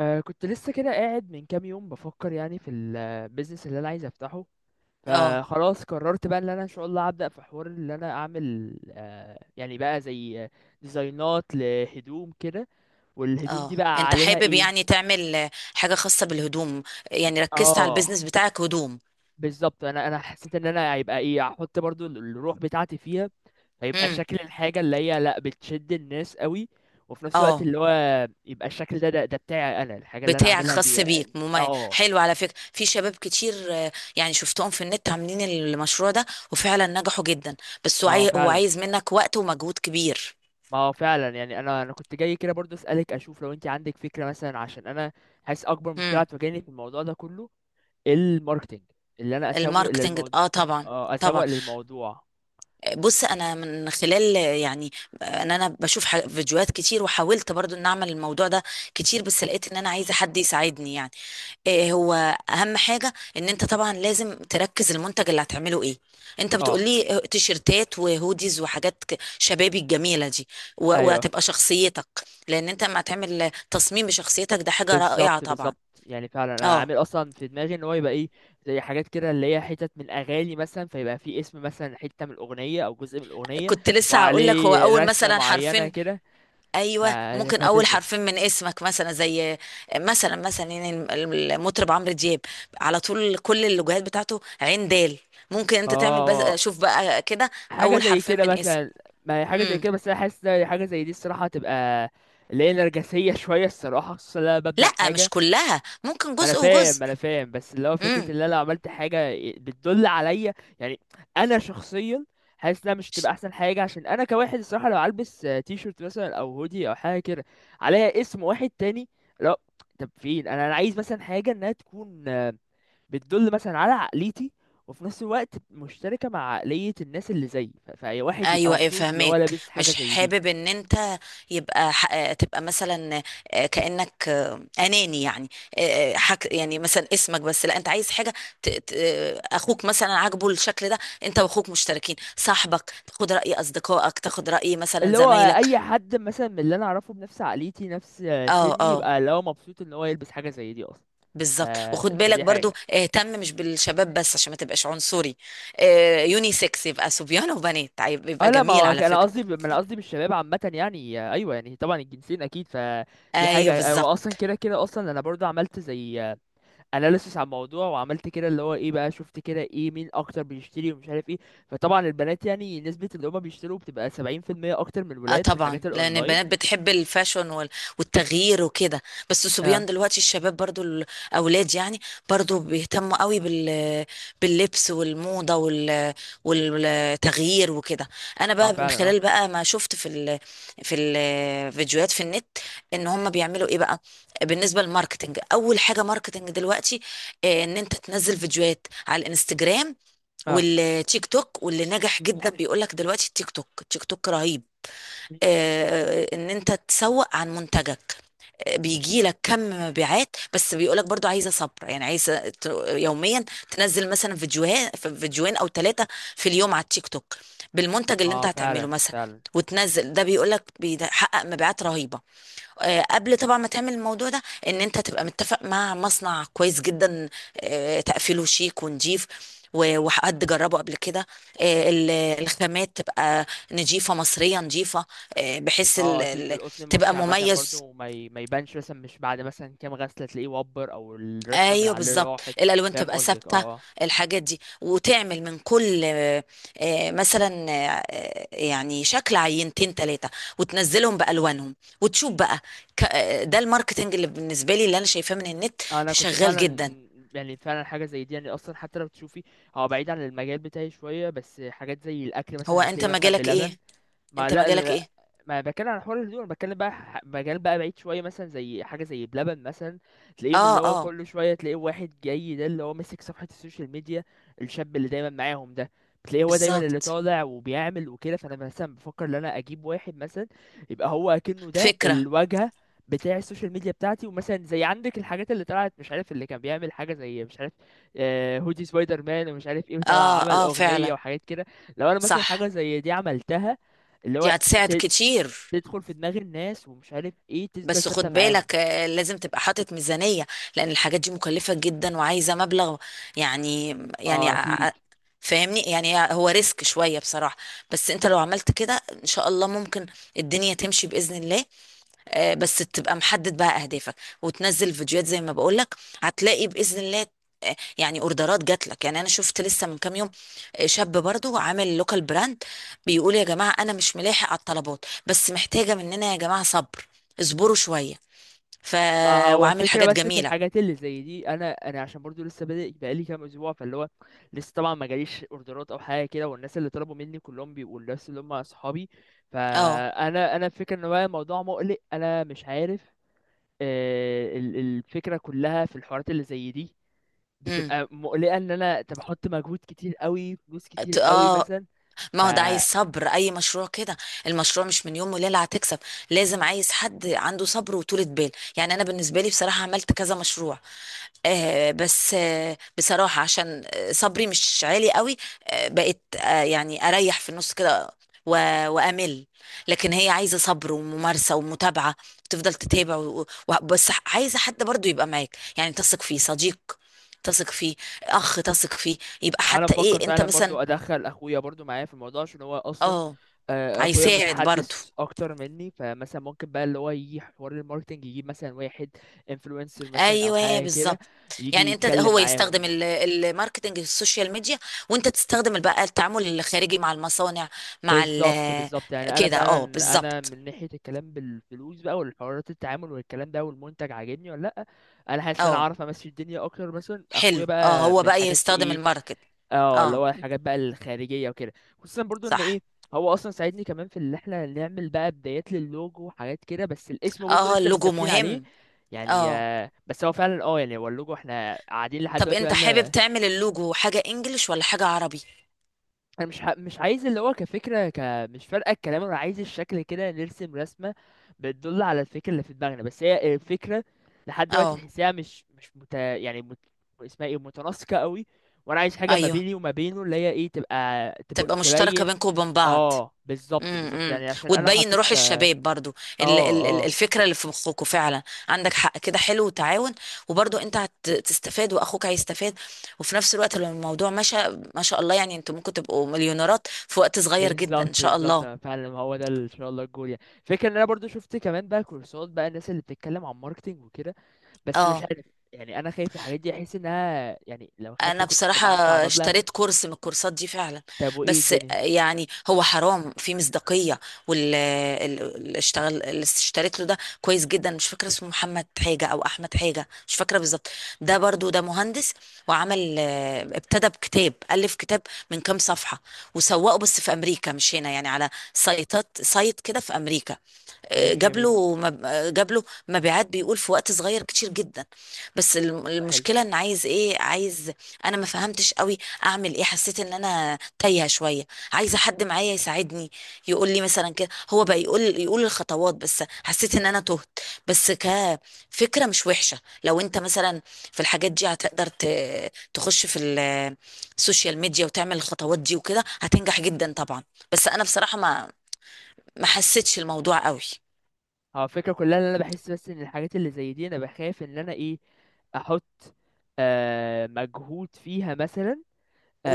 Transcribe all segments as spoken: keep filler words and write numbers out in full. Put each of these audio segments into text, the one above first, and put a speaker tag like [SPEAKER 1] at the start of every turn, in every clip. [SPEAKER 1] أه كنت لسه كده قاعد من كام يوم بفكر يعني في البيزنس اللي انا عايز افتحه.
[SPEAKER 2] اه
[SPEAKER 1] فخلاص قررت بقى ان انا ان شاء الله هبدأ في حوار اللي انا اعمل أه يعني بقى زي آه، ديزاينات لهدوم كده. والهدوم
[SPEAKER 2] اه
[SPEAKER 1] دي بقى
[SPEAKER 2] انت
[SPEAKER 1] عليها
[SPEAKER 2] حابب
[SPEAKER 1] ايه؟
[SPEAKER 2] يعني تعمل آه، حاجة خاصة بالهدوم. يعني ركزت على
[SPEAKER 1] اه،
[SPEAKER 2] البيزنس بتاعك هدوم.
[SPEAKER 1] بالظبط انا انا حسيت ان انا هيبقى ايه، هحط برضو ال- الروح بتاعتي فيها. هيبقى
[SPEAKER 2] امم.
[SPEAKER 1] شكل الحاجة اللي هي لا بتشد الناس قوي، وفي نفس الوقت
[SPEAKER 2] اه
[SPEAKER 1] اللي هو يبقى الشكل ده ده, ده بتاعي انا، الحاجة اللي انا
[SPEAKER 2] بتاعك
[SPEAKER 1] عاملها
[SPEAKER 2] خاص
[SPEAKER 1] دي.
[SPEAKER 2] بيك. مم-
[SPEAKER 1] اه،
[SPEAKER 2] حلو على فكرة، في شباب كتير، آه، يعني شفتهم في النت عاملين المشروع ده وفعلا نجحوا جدا. بس هو
[SPEAKER 1] ما هو
[SPEAKER 2] عاي- هو
[SPEAKER 1] فعلا،
[SPEAKER 2] عايز منك وقت ومجهود كبير.
[SPEAKER 1] ما هو فعلا. يعني انا انا كنت جاي كده برضه اسالك اشوف لو انت عندك فكره مثلا، عشان انا حاسس اكبر مشكله
[SPEAKER 2] امم.
[SPEAKER 1] هتواجهني في الموضوع ده كله الماركتينج، اللي انا اسوق
[SPEAKER 2] الماركتنج
[SPEAKER 1] للموضوع.
[SPEAKER 2] اه طبعا.
[SPEAKER 1] اه، اسوق
[SPEAKER 2] طبعا.
[SPEAKER 1] للموضوع.
[SPEAKER 2] بص، انا من خلال آه، يعني ان انا بشوف ح- فيديوهات كتير، وحاولت برضو ان اعمل الموضوع ده كتير، بس لقيت ان انا عايزه حد يساعدني يعني. إيه هو اهم حاجه؟ ان انت طبعا لازم تركز المنتج اللي هتعمله ايه. انت
[SPEAKER 1] اه،
[SPEAKER 2] بتقولي تيشرتات وهوديز وحاجات ك- شبابي الجميله دي و-
[SPEAKER 1] ايوه،
[SPEAKER 2] وهتبقى شخصيتك، لان انت لما هتعمل تصميم بشخصيتك ده حاجه رائعه
[SPEAKER 1] بالظبط
[SPEAKER 2] طبعا.
[SPEAKER 1] بالظبط. يعني فعلا انا عامل
[SPEAKER 2] اه
[SPEAKER 1] اصلا في دماغي ان هو يبقى ايه، زي حاجات كده اللي هي حتت من اغاني مثلا، فيبقى في اسم مثلا حته من الاغنيه او جزء من الاغنيه
[SPEAKER 2] كنت لسه هقول لك هو
[SPEAKER 1] وعليه
[SPEAKER 2] اول
[SPEAKER 1] رسمه
[SPEAKER 2] مثلا
[SPEAKER 1] معينه
[SPEAKER 2] حرفين.
[SPEAKER 1] كده. ف...
[SPEAKER 2] ايوه، ممكن اول
[SPEAKER 1] فهتثبت.
[SPEAKER 2] حرفين من اسمك مثلا، زي مثلا مثلا يعني المطرب عمرو دياب، على طول كل اللوجوهات بتاعته عين دال. ممكن انت تعمل،
[SPEAKER 1] اه،
[SPEAKER 2] بس شوف بقى كده
[SPEAKER 1] حاجة
[SPEAKER 2] اول
[SPEAKER 1] زي
[SPEAKER 2] حرفين
[SPEAKER 1] كده
[SPEAKER 2] من اسم.
[SPEAKER 1] مثلا. ما هي حاجة زي
[SPEAKER 2] امم.
[SPEAKER 1] كده، بس أنا حاسس إن حاجة زي دي الصراحة هتبقى اللي هي نرجسية شوية الصراحة، خصوصا لما ببدأ
[SPEAKER 2] لا مش
[SPEAKER 1] حاجة.
[SPEAKER 2] كلها، ممكن
[SPEAKER 1] ما أنا
[SPEAKER 2] جزء
[SPEAKER 1] فاهم
[SPEAKER 2] وجزء.
[SPEAKER 1] ما أنا فاهم بس اللي هو فكرة
[SPEAKER 2] امم.
[SPEAKER 1] إن أنا لو عملت حاجة بتدل عليا، يعني أنا شخصيا حاسس إنها مش هتبقى أحسن حاجة، عشان أنا كواحد الصراحة لو هلبس آه، تي شيرت مثلا أو هودي أو حاجة كده عليها اسم واحد تاني، لا. طب فين؟ أنا أنا عايز مثلا حاجة إنها تكون بتدل مثلا على عقليتي، وفي نفس الوقت مشتركة مع عقلية الناس اللي زيي، ف- فأي واحد يبقى
[SPEAKER 2] ايوه ايه
[SPEAKER 1] مبسوط اللي هو
[SPEAKER 2] فهمك.
[SPEAKER 1] لابس حاجة
[SPEAKER 2] مش
[SPEAKER 1] زي دي.
[SPEAKER 2] حابب ان انت يبقى ح... آه، تبقى مثلا آه، كانك آه، اناني يعني. آه، آه، حك... يعني مثلا اسمك بس، لا انت عايز حاجه ت... ت... آه، اخوك مثلا عاجبه الشكل ده، انت واخوك مشتركين، صاحبك تاخد راي اصدقائك، تاخد راي مثلا
[SPEAKER 1] اللي هو
[SPEAKER 2] زمايلك.
[SPEAKER 1] أي حد مثلا من اللي أنا أعرفه بنفس عقليتي، نفس آه،
[SPEAKER 2] اه
[SPEAKER 1] سني،
[SPEAKER 2] اه
[SPEAKER 1] يبقى اللي هو مبسوط إن هو يلبس حاجة زي دي أصلا. ف...
[SPEAKER 2] بالظبط. وخد بالك
[SPEAKER 1] فدي
[SPEAKER 2] برضو
[SPEAKER 1] حاجة.
[SPEAKER 2] اهتم مش بالشباب بس عشان ما تبقاش عنصري. آه، يونيسكس، يبقى صبيان وبنات. عيب-
[SPEAKER 1] اه،
[SPEAKER 2] يبقى
[SPEAKER 1] لا، ما
[SPEAKER 2] جميل
[SPEAKER 1] هو
[SPEAKER 2] على
[SPEAKER 1] انا
[SPEAKER 2] فكرة.
[SPEAKER 1] قصدي ب- ما انا قصدي بالشباب عامه، يعني آه، ايوه، يعني طبعا الجنسين اكيد. فدي
[SPEAKER 2] ايوه
[SPEAKER 1] حاجه، آه، واصلا
[SPEAKER 2] بالظبط.
[SPEAKER 1] كده كده اصلا انا برضو عملت زي اناليسس على الموضوع، وعملت كده اللي هو ايه بقى، شفت كده ايه مين اكتر بيشتري ومش عارف ايه. فطبعا البنات يعني نسبة اللي هما بيشتروا بتبقى سبعين في المية، اكتر من
[SPEAKER 2] اه
[SPEAKER 1] الولاد في
[SPEAKER 2] طبعا،
[SPEAKER 1] الحاجات
[SPEAKER 2] لان
[SPEAKER 1] الاونلاين.
[SPEAKER 2] البنات بتحب الفاشون وال- والتغيير وكده. بس الصبيان
[SPEAKER 1] اه،
[SPEAKER 2] دلوقتي الشباب برضو الاولاد يعني برضو بيهتموا قوي بال باللبس والموضه وال والتغيير وكده. انا
[SPEAKER 1] ما
[SPEAKER 2] بقى من
[SPEAKER 1] فعلا، اه
[SPEAKER 2] خلال بقى ما شفت في ال في الفيديوهات في النت ان هم بيعملوا ايه بقى. بالنسبه للماركتنج، اول حاجه ماركتنج دلوقتي آه، ان انت تنزل فيديوهات على الانستجرام
[SPEAKER 1] اه.
[SPEAKER 2] والتيك توك، واللي نجح جدا بيقول لك دلوقتي التيك توك التيك توك رهيب. آه، ان انت تسوق عن منتجك، آه، بيجي لك كم مبيعات، بس بيقولك برضو عايزه صبر، يعني عايزه ت- يوميا تنزل مثلا فيديوهات، فيديوهين او ثلاثه في اليوم على التيك توك بالمنتج اللي انت
[SPEAKER 1] اه،
[SPEAKER 2] هتعمله
[SPEAKER 1] فعلا
[SPEAKER 2] مثلا،
[SPEAKER 1] فعلا.
[SPEAKER 2] وتنزل. ده بيقولك بيحقق مبيعات رهيبه. آه، قبل طبعا ما تعمل الموضوع ده، ان انت تبقى متفق مع مصنع كويس جدا، آه، تقفيله شيك ونضيف و- وحد جربه قبل كده. آه، ال- الخامات تبقى نضيفة، مصرية نضيفة، آه، بحيث
[SPEAKER 1] اه،
[SPEAKER 2] ال-
[SPEAKER 1] اكيد
[SPEAKER 2] ال-
[SPEAKER 1] القطن
[SPEAKER 2] تبقى
[SPEAKER 1] المصري عامة
[SPEAKER 2] مميز.
[SPEAKER 1] برضو ما ي... ما يبانش، مثلا مش بعد مثلا كام غسلة تلاقيه وبر، او الرسمة من
[SPEAKER 2] ايوه
[SPEAKER 1] عليه
[SPEAKER 2] بالظبط،
[SPEAKER 1] راحت.
[SPEAKER 2] الالوان
[SPEAKER 1] فاهم
[SPEAKER 2] تبقى
[SPEAKER 1] قصدك،
[SPEAKER 2] ثابته.
[SPEAKER 1] اه.
[SPEAKER 2] الحاجات دي، وتعمل من كل آه، آه، مثلا آه، آه، يعني شكل عينتين ثلاثه، وتنزلهم بالوانهم، وتشوف بقى. ك- آه، ده الماركتنج اللي بالنسبه لي، اللي انا شايفاه من النت
[SPEAKER 1] اه، انا كنت
[SPEAKER 2] شغال
[SPEAKER 1] فعلا،
[SPEAKER 2] جدا.
[SPEAKER 1] يعني فعلا حاجه زي دي يعني، اصلا حتى لو تشوفي هو بعيد عن المجال بتاعي شويه، بس حاجات زي الاكل
[SPEAKER 2] هو
[SPEAKER 1] مثلا
[SPEAKER 2] انت
[SPEAKER 1] هتلاقي مثلا
[SPEAKER 2] مجالك
[SPEAKER 1] بلبن.
[SPEAKER 2] ايه؟
[SPEAKER 1] ما
[SPEAKER 2] انت
[SPEAKER 1] لا
[SPEAKER 2] مجالك
[SPEAKER 1] ال-
[SPEAKER 2] ايه؟
[SPEAKER 1] ما بتكلم عن حوار الهدوم، انا بتكلم بقى ح- مجال بقى بعيد شويه، مثلا زي حاجه زي بلبن مثلا. تلاقيهم
[SPEAKER 2] اه
[SPEAKER 1] اللي هو
[SPEAKER 2] اه
[SPEAKER 1] كل شويه تلاقيه واحد جاي ده اللي هو ماسك صفحه السوشيال ميديا، الشاب اللي دايما معاهم ده، بتلاقيه هو دايما اللي
[SPEAKER 2] بالظبط.
[SPEAKER 1] طالع وبيعمل وكده. فانا مثلا بفكر ان انا اجيب واحد مثلا يبقى هو اكنه ده
[SPEAKER 2] فكره.
[SPEAKER 1] الواجهه بتاع السوشيال ميديا بتاعتي. ومثلا زي عندك الحاجات اللي طلعت مش عارف، اللي كان بيعمل حاجه زي مش عارف آه، هودي سبايدر مان ومش عارف ايه، وطلع
[SPEAKER 2] اه
[SPEAKER 1] عمل
[SPEAKER 2] اه
[SPEAKER 1] اغنيه
[SPEAKER 2] فعلا.
[SPEAKER 1] وحاجات كده. لو انا مثلا
[SPEAKER 2] صح،
[SPEAKER 1] حاجه زي دي عملتها، اللي
[SPEAKER 2] دي
[SPEAKER 1] هو
[SPEAKER 2] هتساعد كتير.
[SPEAKER 1] تدخل في دماغ الناس ومش عارف ايه، تفضل
[SPEAKER 2] بس
[SPEAKER 1] ثابته
[SPEAKER 2] خد
[SPEAKER 1] معاهم.
[SPEAKER 2] بالك آه، لازم تبقى حاطط ميزانية، لأن الحاجات دي مكلفة جدا وعايزة مبلغ. يعني يعني
[SPEAKER 1] اه،
[SPEAKER 2] ع-
[SPEAKER 1] اكيد.
[SPEAKER 2] ع- فاهمني يعني، هو ريسك شوية بصراحة. بس انت لو عملت كده ان شاء الله ممكن الدنيا تمشي بإذن الله. آه، بس تبقى محدد بقى اهدافك، وتنزل فيديوهات زي ما بقولك، هتلاقي باذن الله آه، يعني اوردرات جات لك. يعني انا شفت لسه من كام يوم آه، شاب برضو عامل لوكال براند، بيقول يا جماعه انا مش ملاحق على الطلبات، بس محتاجه مننا يا جماعه صبر، اصبروا شويه. ف
[SPEAKER 1] ما هو
[SPEAKER 2] وعامل
[SPEAKER 1] فكرة
[SPEAKER 2] حاجات
[SPEAKER 1] بس في
[SPEAKER 2] جميله.
[SPEAKER 1] الحاجات اللي زي دي، انا انا عشان برضو لسه بادئ بقالي كام اسبوع، فاللي هو لسه طبعا ما جاليش اوردرات او حاجه كده، والناس اللي طلبوا مني كلهم بيبقوا الناس اللي هم اصحابي.
[SPEAKER 2] اه.
[SPEAKER 1] فانا انا الفكره ان هو الموضوع مقلق، انا مش عارف. آه، ال- الفكره كلها في الحوارات اللي زي دي
[SPEAKER 2] امم.
[SPEAKER 1] بتبقى مقلقه، ان انا طب احط مجهود كتير قوي، فلوس كتير
[SPEAKER 2] ت-
[SPEAKER 1] قوي
[SPEAKER 2] اه،
[SPEAKER 1] مثلا.
[SPEAKER 2] ما هو ده عايز صبر، اي مشروع كده. المشروع مش من يوم وليله هتكسب، لازم عايز حد عنده صبر وطولة بال. يعني انا بالنسبه لي بصراحه عملت كذا مشروع، آه بس آه بصراحه عشان آه، صبري مش عالي قوي، آه بقيت آه يعني اريح في النص كده و- وامل. لكن هي عايزه صبر وممارسه ومتابعه، تفضل تتابع و... و... بس عايزه حد برضو يبقى معاك، يعني تثق فيه، صديق تثق فيه، اخ تثق فيه. يبقى
[SPEAKER 1] انا
[SPEAKER 2] حتى
[SPEAKER 1] بفكر
[SPEAKER 2] ايه انت
[SPEAKER 1] فعلا برضو
[SPEAKER 2] مثلا.
[SPEAKER 1] ادخل اخويا برضو معايا في الموضوع، عشان هو اصلا
[SPEAKER 2] اه،
[SPEAKER 1] آه، اخويا
[SPEAKER 2] هيساعد برضو.
[SPEAKER 1] متحدث اكتر مني. فمثلا ممكن بقى اللي هو يجي حوار الماركتنج يجيب مثلا واحد انفلونسر مثلا او
[SPEAKER 2] ايوه
[SPEAKER 1] حاجه كده
[SPEAKER 2] بالظبط.
[SPEAKER 1] يجي
[SPEAKER 2] يعني انت
[SPEAKER 1] يتكلم
[SPEAKER 2] هو يستخدم
[SPEAKER 1] معاهم.
[SPEAKER 2] ال- الماركتنج السوشيال ميديا، وانت تستخدم بقى التعامل الخارجي مع المصانع مع
[SPEAKER 1] بالظبط
[SPEAKER 2] ال.
[SPEAKER 1] بالظبط. يعني انا
[SPEAKER 2] كده اه
[SPEAKER 1] فعلا انا
[SPEAKER 2] بالظبط.
[SPEAKER 1] من ناحيه الكلام بالفلوس بقى والحوارات التعامل والكلام ده، والمنتج عاجبني ولا لا، انا حاسس ان انا
[SPEAKER 2] اه
[SPEAKER 1] عارف امشي الدنيا اكتر مثلا اخويا
[SPEAKER 2] حلو. اه،
[SPEAKER 1] بقى
[SPEAKER 2] هو
[SPEAKER 1] من
[SPEAKER 2] بقى
[SPEAKER 1] الحاجات
[SPEAKER 2] يستخدم
[SPEAKER 1] ايه.
[SPEAKER 2] الماركت.
[SPEAKER 1] اه، اللي
[SPEAKER 2] اه.
[SPEAKER 1] هو الحاجات بقى الخارجيه وكده، خصوصا برضو ان
[SPEAKER 2] صح.
[SPEAKER 1] ايه، هو اصلا ساعدني كمان في اللي احنا نعمل بقى بدايات للوجو وحاجات كده، بس الاسم برضو
[SPEAKER 2] اه
[SPEAKER 1] لسه مش
[SPEAKER 2] اللوجو
[SPEAKER 1] ثابتين عليه.
[SPEAKER 2] مهم.
[SPEAKER 1] يعني
[SPEAKER 2] اه،
[SPEAKER 1] آه، بس هو فعلا اه، يعني هو اللوجو احنا قاعدين لحد
[SPEAKER 2] طب
[SPEAKER 1] دلوقتي بقى.
[SPEAKER 2] انت حابب تعمل اللوجو حاجة انجليش ولا حاجة عربي؟
[SPEAKER 1] انا مش ح... مش عايز اللي هو كفكره ك... مش فارقه الكلام. انا عايز الشكل كده، نرسم رسمه بتدل على الفكره اللي في دماغنا، بس هي الفكره لحد دلوقتي
[SPEAKER 2] اه
[SPEAKER 1] تحسها مش مش مت... يعني مت... اسمها ايه، متناسقه قوي. وانا عايز حاجه ما
[SPEAKER 2] ايوه،
[SPEAKER 1] بيني وما بينه اللي هي ايه، تبقى تب...
[SPEAKER 2] تبقى مشتركة
[SPEAKER 1] تبين.
[SPEAKER 2] بينكم وبين بعض.
[SPEAKER 1] اه، بالظبط
[SPEAKER 2] امم
[SPEAKER 1] بالظبط.
[SPEAKER 2] امم.
[SPEAKER 1] يعني عشان انا
[SPEAKER 2] وتبين
[SPEAKER 1] حطيت
[SPEAKER 2] روح
[SPEAKER 1] اه.
[SPEAKER 2] الشباب برضو، ال- ال- ال-
[SPEAKER 1] اه،
[SPEAKER 2] الفكره اللي في مخكوا فعلا. عندك حق، كده حلو وتعاون، وبرضو انت هتستفاد واخوك هيستفاد، وفي نفس الوقت لو الموضوع مشى ما شاء الله، يعني انتوا ممكن تبقوا مليونيرات في وقت صغير جدا
[SPEAKER 1] بالظبط
[SPEAKER 2] ان شاء
[SPEAKER 1] بالظبط.
[SPEAKER 2] الله.
[SPEAKER 1] أنا فعلا ما هو ده ال- ان شاء الله الجول. يعني فكرة ان انا برضو شفت كمان بقى كورسات، بقى الناس اللي بتتكلم عن ماركتينج وكده، بس مش
[SPEAKER 2] اه،
[SPEAKER 1] عارف. يعني انا خايف الحاجات دي، احس انها يعني لو خدت
[SPEAKER 2] انا
[SPEAKER 1] كورس طب
[SPEAKER 2] بصراحة
[SPEAKER 1] هدفع مبلغ.
[SPEAKER 2] اشتريت كورس من الكورسات دي فعلا،
[SPEAKER 1] طب وايه
[SPEAKER 2] بس
[SPEAKER 1] الدنيا؟
[SPEAKER 2] يعني هو حرام في مصداقية، واللي اشتغل اللي اشتريت له ده كويس جدا. مش فاكرة اسمه، محمد حاجة او احمد حاجة، مش فاكرة بالظبط. ده برضو ده مهندس، وعمل اه، ابتدى بكتاب، الف كتاب من كام صفحة، وسوقه بس في امريكا مش هنا، يعني على سايتات، سايت كده في امريكا،
[SPEAKER 1] ماشي،
[SPEAKER 2] جاب
[SPEAKER 1] جميل.
[SPEAKER 2] له مب- جاب له مبيعات بيقول في وقت صغير كتير جدا. بس الم-
[SPEAKER 1] ده حلو.
[SPEAKER 2] المشكله ان عايز ايه عايز، انا ما فهمتش قوي اعمل ايه، حسيت ان انا تايهه شويه، عايزه حد معايا يساعدني يقول لي مثلا كده. هو بقى يقول يقول الخطوات، بس حسيت ان انا تهت. بس كفكره مش وحشه، لو انت مثلا في الحاجات دي هتقدر ت- تخش في ال- السوشيال ميديا وتعمل الخطوات دي وكده هتنجح جدا طبعا. بس انا بصراحه ما ما حسيتش الموضوع قوي.
[SPEAKER 1] هو الفكرة كلها ان انا بحس بس ان الحاجات اللي زي دي انا بخاف ان انا ايه، احط آه مجهود فيها مثلا.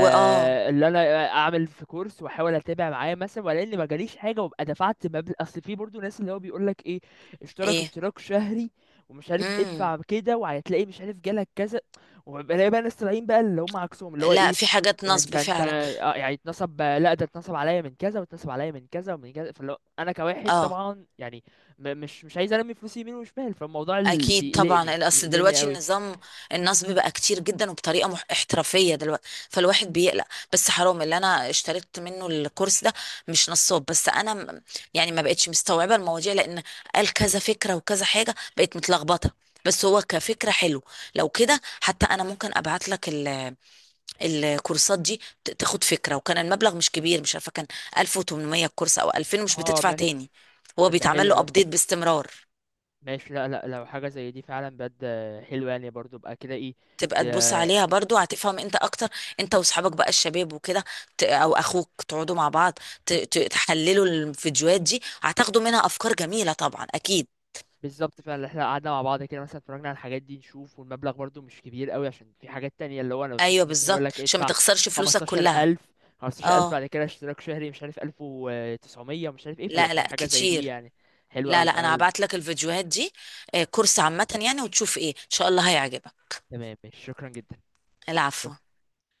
[SPEAKER 2] واه.
[SPEAKER 1] اللي انا اعمل في كورس واحاول اتابع معاه مثلا، ولا اني ما جاليش حاجه وابقى دفعت مبلغ. اصل في برضو ناس اللي هو بيقول لك ايه، اشترك
[SPEAKER 2] ايه.
[SPEAKER 1] اشتراك شهري ومش عارف،
[SPEAKER 2] امم.
[SPEAKER 1] ادفع كده وهتلاقي مش عارف جالك كذا. وبلاقي بقى ناس طالعين بقى اللي هم عكسهم اللي هو
[SPEAKER 2] لا
[SPEAKER 1] ايه،
[SPEAKER 2] في حاجات
[SPEAKER 1] انت
[SPEAKER 2] نصب
[SPEAKER 1] انت
[SPEAKER 2] فعلا.
[SPEAKER 1] آه، يعني اتنصب، لا، ده اتنصب عليا من كذا واتنصب عليا من كذا ومن كذا. فاللي هو انا كواحد
[SPEAKER 2] اه
[SPEAKER 1] طبعا يعني م- مش مش عايز ارمي فلوسي يمين وشمال. فالموضوع ال-
[SPEAKER 2] اكيد
[SPEAKER 1] بيقلقني
[SPEAKER 2] طبعا، الاصل
[SPEAKER 1] بيقلقني
[SPEAKER 2] دلوقتي
[SPEAKER 1] قوي.
[SPEAKER 2] النظام النصب بقى كتير جدا وبطريقه مح- احترافيه دلوقتي، فالواحد بيقلق. بس حرام اللي انا اشتريت منه الكورس ده مش نصاب، بس انا م- يعني ما بقتش مستوعبه المواضيع، لان قال كذا فكره وكذا حاجه بقت متلخبطه. بس هو كفكره حلو. لو كده حتى انا ممكن ابعت لك الكورسات دي ت- تاخد فكرة. وكان المبلغ مش كبير، مش عارفة كان ألف وتمنمية الكورس او ألفين، مش
[SPEAKER 1] اه،
[SPEAKER 2] بتدفع
[SPEAKER 1] ما
[SPEAKER 2] تاني، هو
[SPEAKER 1] طب ده
[SPEAKER 2] بيتعمل
[SPEAKER 1] حلو.
[SPEAKER 2] له ابديت باستمرار.
[SPEAKER 1] ماشي، لا لا، لو حاجة زي دي فعلا بجد حلوة، يعني برضو ابقى كده ايه.
[SPEAKER 2] تبقى تبص
[SPEAKER 1] ت-
[SPEAKER 2] عليها برضو هتفهم انت اكتر، انت واصحابك بقى الشباب وكده، ت- او اخوك، تقعدوا مع بعض ت- ت- تحللوا الفيديوهات دي، هتاخدوا منها افكار جميلة طبعا اكيد.
[SPEAKER 1] بالظبط. فعلا احنا قعدنا مع بعض كده مثلا، اتفرجنا على الحاجات دي نشوف، والمبلغ برضو مش كبير قوي، عشان في حاجات تانية اللي هو انا
[SPEAKER 2] ايوه
[SPEAKER 1] شفت مثلا يقول
[SPEAKER 2] بالظبط
[SPEAKER 1] لك
[SPEAKER 2] عشان ما
[SPEAKER 1] ادفع
[SPEAKER 2] تخسرش فلوسك كلها.
[SPEAKER 1] خمستاشر الف، خمستاشر الف
[SPEAKER 2] اه
[SPEAKER 1] بعد كده اشتراك شهري مش عارف الف وتسعمية ومش عارف ايه، فلا،
[SPEAKER 2] لا لا
[SPEAKER 1] فحاجة زي دي
[SPEAKER 2] كتير.
[SPEAKER 1] يعني حلوة
[SPEAKER 2] لا
[SPEAKER 1] قوي
[SPEAKER 2] لا انا
[SPEAKER 1] فعلا.
[SPEAKER 2] هبعت لك الفيديوهات دي آه، كورس عامة يعني، وتشوف، ايه ان شاء الله هيعجبك.
[SPEAKER 1] تمام، ماشي، شكرا جدا.
[SPEAKER 2] العفو.